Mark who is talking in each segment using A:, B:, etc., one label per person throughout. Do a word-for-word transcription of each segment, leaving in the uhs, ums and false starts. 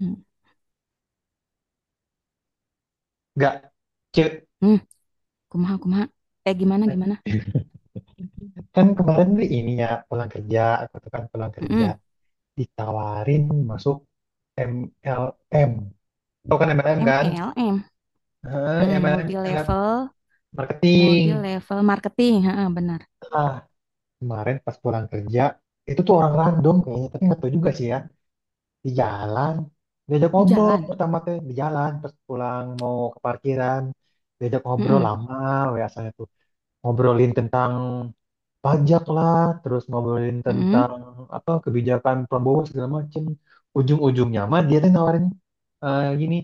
A: Hmm.
B: Nggak, ce-
A: Hmm. Kumaha kumaha. Kayak gimana gimana?
B: kan kemarin nih ini ya pulang kerja, aku tuh kan pulang kerja
A: Hmm.
B: ditawarin masuk M L M. Tau kan MLM kan?
A: M L M.
B: Heeh,
A: Hmm,
B: MLM,
A: multi
B: M L M
A: level,
B: marketing.
A: multi level marketing. Heeh, benar.
B: Ah, kemarin pas pulang kerja itu tuh orang random kayaknya, tapi nggak tahu juga sih ya. Di jalan diajak
A: Di
B: ngobrol
A: jalan.
B: pertama teh di jalan pas pulang mau ke parkiran, diajak ngobrol
A: Hmm.
B: lama, ya ngobrolin tentang pajak lah, terus ngobrolin
A: Hmm.
B: tentang apa kebijakan Prabowo segala macem. Ujung-ujungnya mah dia tuh nawarin, eh, gini,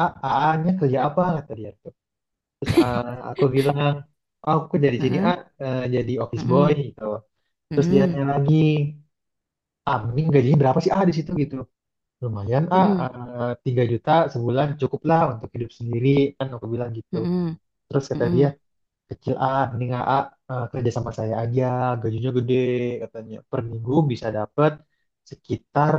B: a "AA-nya kerja apa?" kata dia tuh. Terus ah, aku bilang, "Oh, aku dari sini A,
A: Hmm.
B: eh, jadi office boy
A: Hmm.
B: gitu." Terus dia
A: Hmm.
B: tanya lagi, "Amin gajinya berapa sih A di situ gitu?" Lumayan A,
A: Hmm.
B: eh, tiga juta sebulan cukup lah untuk hidup sendiri, kan aku bilang gitu.
A: Hmm.
B: Terus kata
A: Hmm.
B: dia, kecil ah, mending A A, eh, kerja sama saya aja, gajinya gede katanya, per minggu bisa dapat sekitar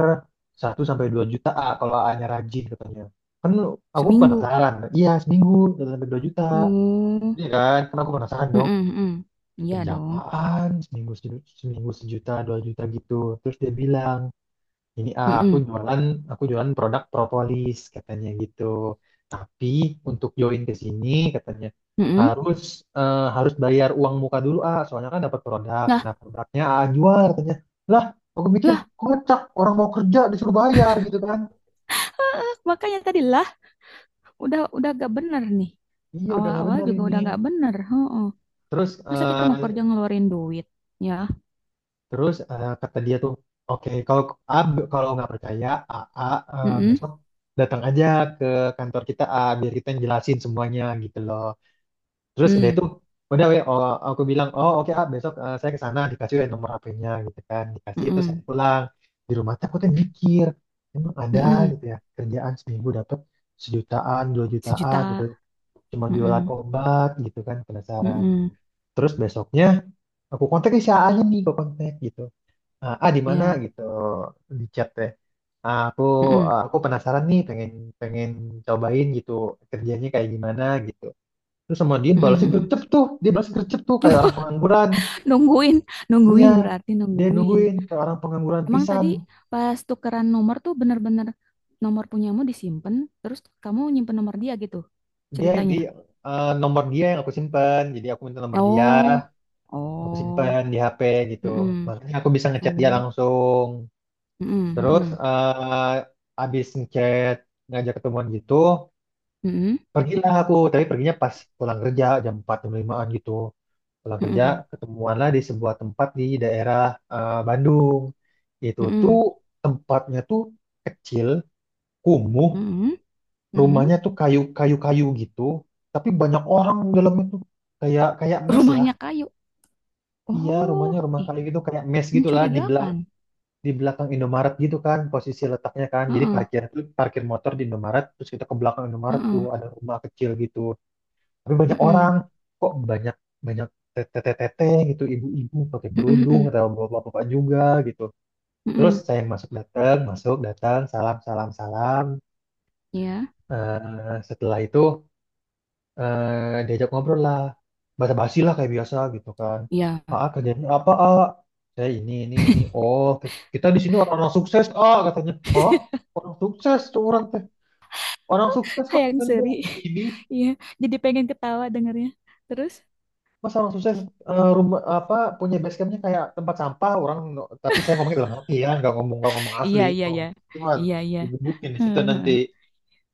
B: satu sampai dua juta A, kalau A-nya rajin katanya. Kan aku
A: Seminggu.
B: penasaran, iya seminggu satu sampai dua juta,
A: Hmm,
B: iya kan kan aku penasaran dong,
A: hmm, hmm. Iya
B: kerja
A: dong.
B: apaan seminggu seju- seminggu sejuta dua juta gitu. Terus dia bilang ini ah, aku
A: Hmm,
B: jualan aku jualan produk propolis katanya gitu. Tapi untuk join ke sini katanya
A: hmm. Hmm.
B: harus eh, harus bayar uang muka dulu ah, soalnya kan dapat produk.
A: Lah,
B: Nah, produknya ah jual katanya. Lah, aku mikir
A: lah.
B: kocak, orang mau kerja disuruh bayar gitu kan.
A: Ah, makanya tadi lah, udah udah gak bener nih.
B: Iya udah nggak
A: Awal-awal
B: bener
A: juga
B: ini.
A: udah gak bener. Heeh.
B: Terus
A: Masa kita mau kerja
B: eh,
A: ngeluarin duit, ya?
B: terus eh, kata dia tuh, oke kalau ah, b- kalau nggak percaya, ah, ah, eh,
A: Mm-mm.
B: besok datang aja ke kantor kita ah, biar kita yang jelasin semuanya gitu loh. Terus udah
A: Mmm.
B: itu, udah weh, oh, aku bilang, oh oke ah besok, eh, saya ke sana, dikasih weh nomor H P-nya gitu kan, dikasih itu saya
A: Mhm,
B: pulang, di rumah tuh aku tuh mikir, emang ada
A: mhm.
B: gitu ya kerjaan seminggu dapat sejutaan, dua jutaan gitu,
A: Sejuta.
B: cuma jualan
A: Mhm,
B: obat gitu kan, penasaran.
A: mhm.
B: Terus besoknya aku kontak si A-nya nih, aku kontak gitu, ah, ah, di mana
A: Iya.
B: gitu di chat teh. Ah, aku
A: Mhm,
B: aku penasaran nih, pengen pengen cobain gitu kerjanya kayak gimana gitu. Terus sama dia
A: mhm,
B: balasnya
A: mhm.
B: gercep tuh. Dia balas gercep tuh
A: Duh,
B: kayak orang pengangguran.
A: nungguin,
B: Iya,
A: nungguin berarti
B: dia
A: nungguin.
B: nungguin kayak orang pengangguran
A: Emang
B: pisan.
A: tadi pas tukeran nomor tuh bener-bener, nomor punyamu disimpan, terus kamu nyimpen nomor dia gitu
B: Dia di
A: ceritanya.
B: eh, Nomor dia yang aku simpen. Jadi aku minta nomor dia,
A: Oh,
B: aku simpen
A: oh.
B: di H P gitu.
A: Mhm.
B: Makanya aku bisa ngechat dia
A: Oh.
B: langsung.
A: Mhm,
B: Terus
A: mhm,
B: eh abis ngechat, ngajak ketemuan gitu,
A: mhm,
B: pergilah aku. Tapi perginya pas pulang kerja jam empat jam lima gitu. Pulang kerja,
A: mhm,
B: ketemuanlah di sebuah tempat di daerah, eh, Bandung. Itu tuh
A: mhm,
B: tempatnya tuh kecil, kumuh,
A: mhm, mhm.
B: rumahnya tuh kayu kayu kayu gitu. Tapi banyak orang dalam itu, kayak kayak mes lah.
A: Rumahnya kayu.
B: Iya,
A: Oh,
B: rumahnya rumah
A: ih,
B: kayu gitu kayak mes gitulah, di belak
A: mencurigakan.
B: di belakang Indomaret gitu kan posisi letaknya kan. Jadi
A: Heeh,
B: parkir parkir motor di Indomaret, terus kita ke belakang Indomaret tuh
A: heeh.
B: ada rumah kecil gitu. Tapi banyak
A: Mm-mm.
B: orang, kok banyak banyak tete-tete gitu, ibu-ibu pakai
A: Mm-mm,
B: kerudung
A: mm-mm,
B: atau bapak-bapak juga gitu. Terus
A: mm-mm.
B: saya yang masuk, datang masuk datang, salam salam salam.
A: Iya,
B: Eh, setelah itu, eh, diajak ngobrol lah, basa-basi lah kayak biasa gitu kan,
A: iya.
B: ah kerjaan apa, ah saya ini ini ini oh ki- kita di sini orang-orang sukses, ah katanya, oh orang sukses tuh, orang teh orang sukses kok
A: Hayang
B: dengan
A: Seri.
B: gini.
A: Iya, jadi pengen ketawa dengernya. Terus?
B: Mas orang sukses, eh, rumah apa, punya base campnya kayak tempat sampah orang, no- tapi saya ngomongin dalam hati ya, nggak ngomong, nggak ngomong
A: Iya,
B: asli.
A: iya,
B: Oh,
A: iya.
B: cuma
A: Iya, iya.
B: digebukin di situ nanti.
A: Hehehe.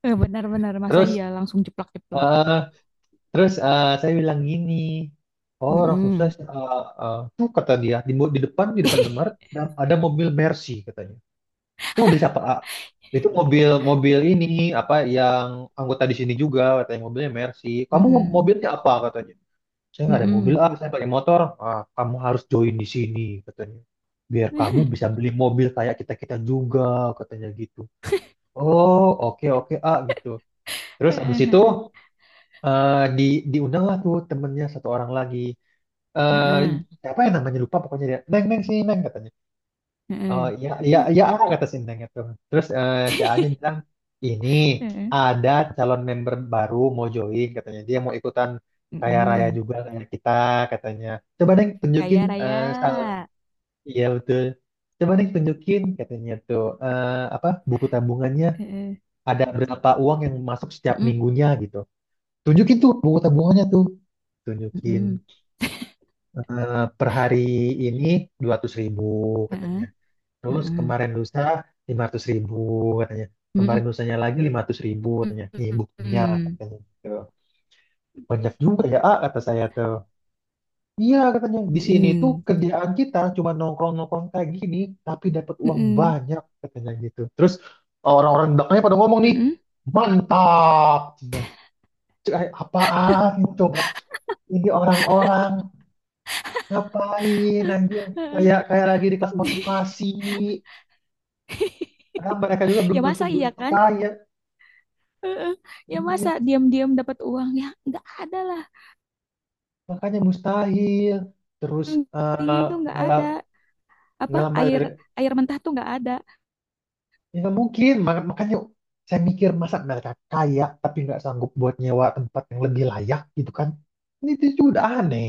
A: Eh, benar-benar masa
B: terus
A: iya langsung jeplak-jeplak.
B: eh terus eh, saya bilang gini, oh orang sukses,
A: Mm-mm.
B: eh, eh, tuh kata dia di, mo- di depan, di depan Indomaret ada, ada mobil Mercy katanya. Itu mobil siapa? Ah, itu mobil, mobil ini apa yang anggota di sini juga, katanya mobilnya Mercy. Kamu
A: Mm-mm.
B: mobilnya apa katanya. Saya nggak ada mobil
A: Mm-mm.
B: ah, saya pakai motor ah, kamu harus join di sini katanya, biar kamu bisa beli mobil kayak kita kita juga katanya gitu. Oh, oke oke ah gitu. Terus habis itu, eh, di diundang lah tuh temennya satu orang lagi, eh
A: Mm-mm.
B: siapa yang namanya lupa, pokoknya dia neng, neng sini neng katanya. Oh
A: Mm-mm.
B: iya iya iya, aku kata Sinteng itu. Terus eh, si A-nya bilang ini ada calon member baru mau join katanya, dia mau ikutan kaya raya
A: Mm-mm.
B: juga kayak kita katanya. Coba deh tunjukin,
A: Kaya raya.
B: eh sal iya betul. Coba deh tunjukin katanya tuh, eh, apa buku tabungannya,
A: Mm-mm.
B: ada berapa uang yang masuk setiap
A: Mm-mm.
B: minggunya gitu. Tunjukin tuh buku tabungannya tuh. Tunjukin,
A: Mm-mm.
B: eh, per hari ini dua ratus ribu katanya.
A: Heeh,
B: Terus
A: heeh.
B: kemarin lusa lima ratus ribu katanya. Kemarin
A: Mm-mm.
B: lusanya lagi lima ratus ribu katanya. Nih buktinya
A: Mm-mm.
B: katanya, gitu. Banyak juga ya A, kata saya tuh. Iya katanya, di sini tuh
A: Mm-mm.
B: kerjaan kita cuma nongkrong-nongkrong kayak gini tapi dapat uang
A: Mm-mm.
B: banyak katanya gitu. Terus orang-orang di belakangnya pada ngomong nih,
A: Mm-mm.
B: mantap. Nah, kayak apaan itu coba? Ini orang-orang ngapain anjir,
A: Heeh.
B: kayak kayak lagi di kelas motivasi. Padahal mereka juga belum
A: Ya
B: tentu
A: masa
B: belum
A: iya kan?
B: kaya.
A: Heeh. Ya masa
B: Iya,
A: diam-diam dapat uang, ya nggak ada lah.
B: makanya mustahil. Terus,
A: Yang
B: eh,
A: dingin tuh nggak
B: nggak la-
A: ada. Apa
B: nggak lama
A: air,
B: dari,
A: air mentah tuh nggak ada.
B: ya nggak mungkin. Mak- Makanya saya mikir, masa mereka kaya tapi nggak sanggup buat nyewa tempat yang lebih layak gitu kan? Ini itu itu udah aneh.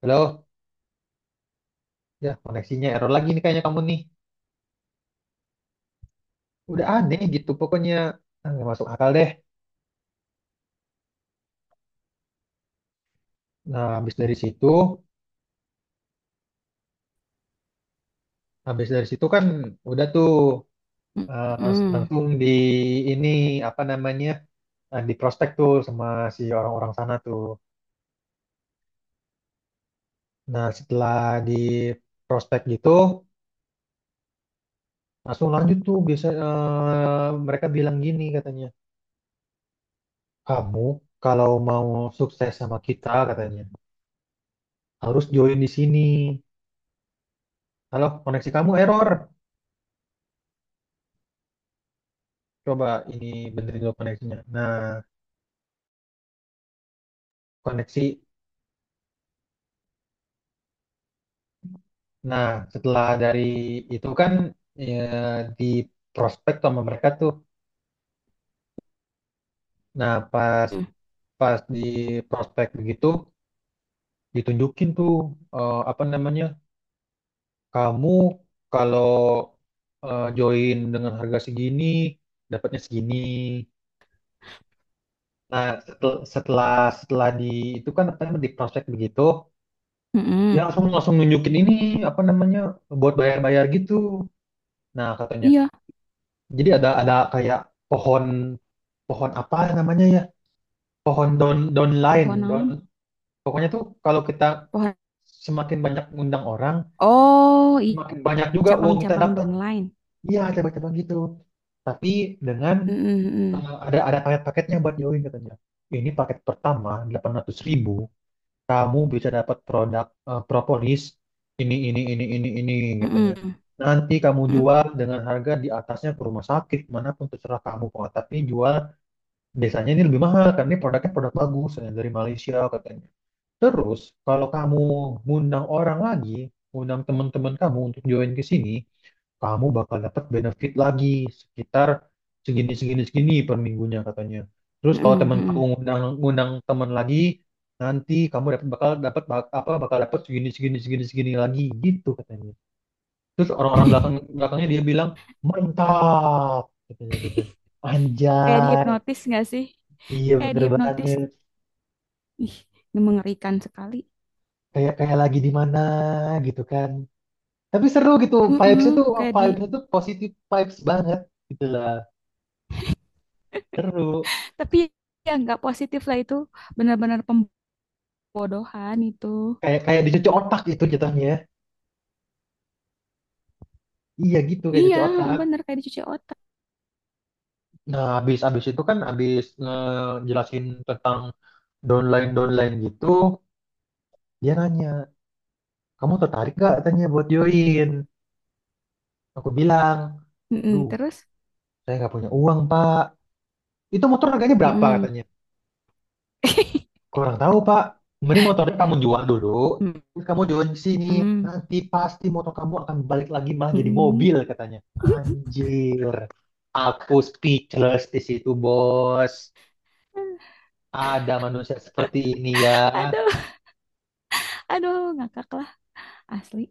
B: Halo, ya koneksinya error lagi nih kayaknya, kamu nih. Udah aneh gitu pokoknya, ah nggak masuk akal deh. Nah, habis dari situ, habis dari situ kan udah tuh, eh, langs-
A: Mm-mm.
B: langsung di ini apa namanya, eh, di prospek tuh sama si orang-orang sana tuh. Nah, setelah di prospek gitu, langsung lanjut tuh. Biasa, eh, mereka bilang gini katanya, kamu kalau mau sukses sama kita katanya, harus join di sini. Kalau koneksi kamu error, coba ini benerin dulu koneksinya. Nah, koneksi. Nah, setelah dari itu kan ya, di prospek sama mereka tuh. Nah, pas pas di prospek begitu, ditunjukin tuh, eh, apa namanya? Kamu kalau, eh, join dengan harga segini, dapatnya segini. Nah, setel- setelah setelah, di itu kan apa namanya, di prospek begitu, dia
A: Mm-mm.
B: langsung langsung nunjukin ini apa namanya buat bayar-bayar gitu. Nah, katanya.
A: Iya,
B: Jadi ada ada kayak pohon, pohon apa namanya ya? Pohon down downline,
A: pohon
B: down
A: naon?
B: pokoknya tuh kalau kita
A: Pohon.
B: semakin banyak ngundang orang,
A: Oh, i-
B: semakin banyak juga uang kita
A: cabang-cabang
B: dapat.
A: downline.
B: Iya, coba-coba gitu tapi dengan,
A: Mm-mm.
B: Eh, ada ada paket-paketnya buat join katanya. Ini paket pertama delapan ratus ribu ribu, kamu bisa dapat produk, eh, propolis ini ini ini ini ini katanya.
A: Mm-mm. Mm-mm.
B: Nanti kamu jual dengan harga di atasnya ke rumah sakit manapun, terserah kamu kok. Tapi jual, biasanya ini lebih mahal karena ini produknya produk bagus, eh, dari Malaysia katanya. Terus, kalau kamu ngundang orang lagi, ngundang teman-teman kamu untuk join ke sini, kamu bakal dapat benefit lagi sekitar segini segini segini per minggunya katanya. Terus kalau
A: Mm-mm.
B: teman kamu
A: Mm-mm.
B: ngundang ngundang teman lagi, nanti kamu dapat, bakal dapat bak- apa bakal dapat segini segini segini segini lagi gitu katanya. Terus orang-orang belakang belakangnya dia bilang mantap katanya gitu.
A: Kayak
B: Anjay,
A: dihipnotis nggak sih?
B: iya
A: Kayak
B: bener
A: dihipnotis.
B: banget.
A: Ih, ini mengerikan sekali.
B: Kayak kayak lagi di mana gitu kan. Tapi seru gitu, vibes-nya
A: Heeh.
B: tuh,
A: Kayak di,
B: vibes-nya tuh positif vibes banget gitu lah. Seru.
A: tapi ya nggak positif lah itu, benar-benar pembodohan itu.
B: Kayak kayak dicuci otak gitu jatuhnya, ya. Iya gitu, kayak
A: Iya,
B: cuci otak.
A: benar kayak dicuci otak.
B: Nah, habis habis itu kan, habis ngejelasin tentang downline-downline gitu, dia nanya, "Kamu tertarik gak?" tanya buat join. Aku bilang,
A: Mm-mm,
B: "Duh,
A: terus?
B: saya nggak punya uang, Pak." Itu motor harganya berapa
A: Mm-mm.
B: katanya? Kurang tahu, Pak. Mending motornya kamu jual dulu.
A: Mm-mm,
B: Terus kamu jual di sini. Nanti pasti motor kamu akan balik lagi, malah jadi
A: mm-mm.
B: mobil katanya. Anjir. Aku speechless di situ, Bos. Ada manusia seperti ini ya.
A: Aduh, aduh, ngakak lah asli.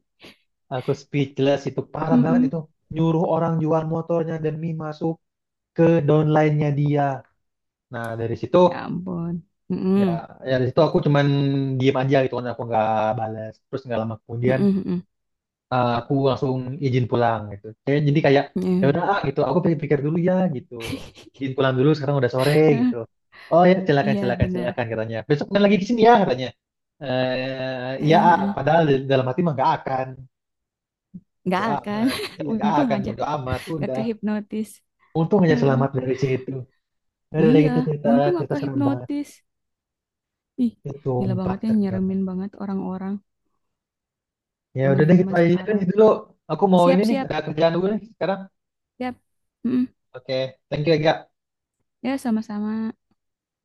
B: Aku speechless, itu parah banget
A: Mm-mm.
B: itu. Nyuruh orang jual motornya demi masuk ke downline-nya dia. Nah, dari situ,
A: Ya ampun.
B: ya
A: Mm-mm,
B: ya dari situ aku cuman diem aja gitu kan, aku nggak balas, terus nggak lama kemudian,
A: mm-mm, mm-mm,
B: eh, aku langsung izin pulang gitu. Saya jadi kayak ya
A: mm-mm.
B: udah ah, gitu, aku pikir-pikir dulu ya gitu. Izin pulang dulu, sekarang udah sore gitu. Oh ya silakan
A: Iya,
B: silakan
A: benar.
B: silakan katanya. Besok main lagi ke sini ya katanya. Eh iya ah,
A: Heeh.
B: padahal di dalam hati mah gak akan
A: Nggak
B: berdoa
A: akan.
B: amat, iya gak
A: Untung
B: akan
A: aja
B: berdoa amat.
A: nggak
B: Udah
A: kehipnotis.
B: untung aja
A: Heeh.
B: selamat dari situ. "Ya udah deh
A: Iya,
B: gitu, cerita
A: untung nggak
B: cerita serem banget.
A: kehipnotis. Ih,
B: Ya,
A: gila
B: sumpah
A: banget ya,
B: serem banget.
A: nyeremin banget orang-orang
B: Ya udah deh gitu
A: zaman-zaman
B: aja
A: sekarang.
B: deh dulu. Aku mau ini
A: Siap,
B: nih,
A: siap,
B: ada kerjaan dulu nih sekarang.
A: siap. Mm-mm.
B: Oke, thank you ya.
A: Ya, sama-sama.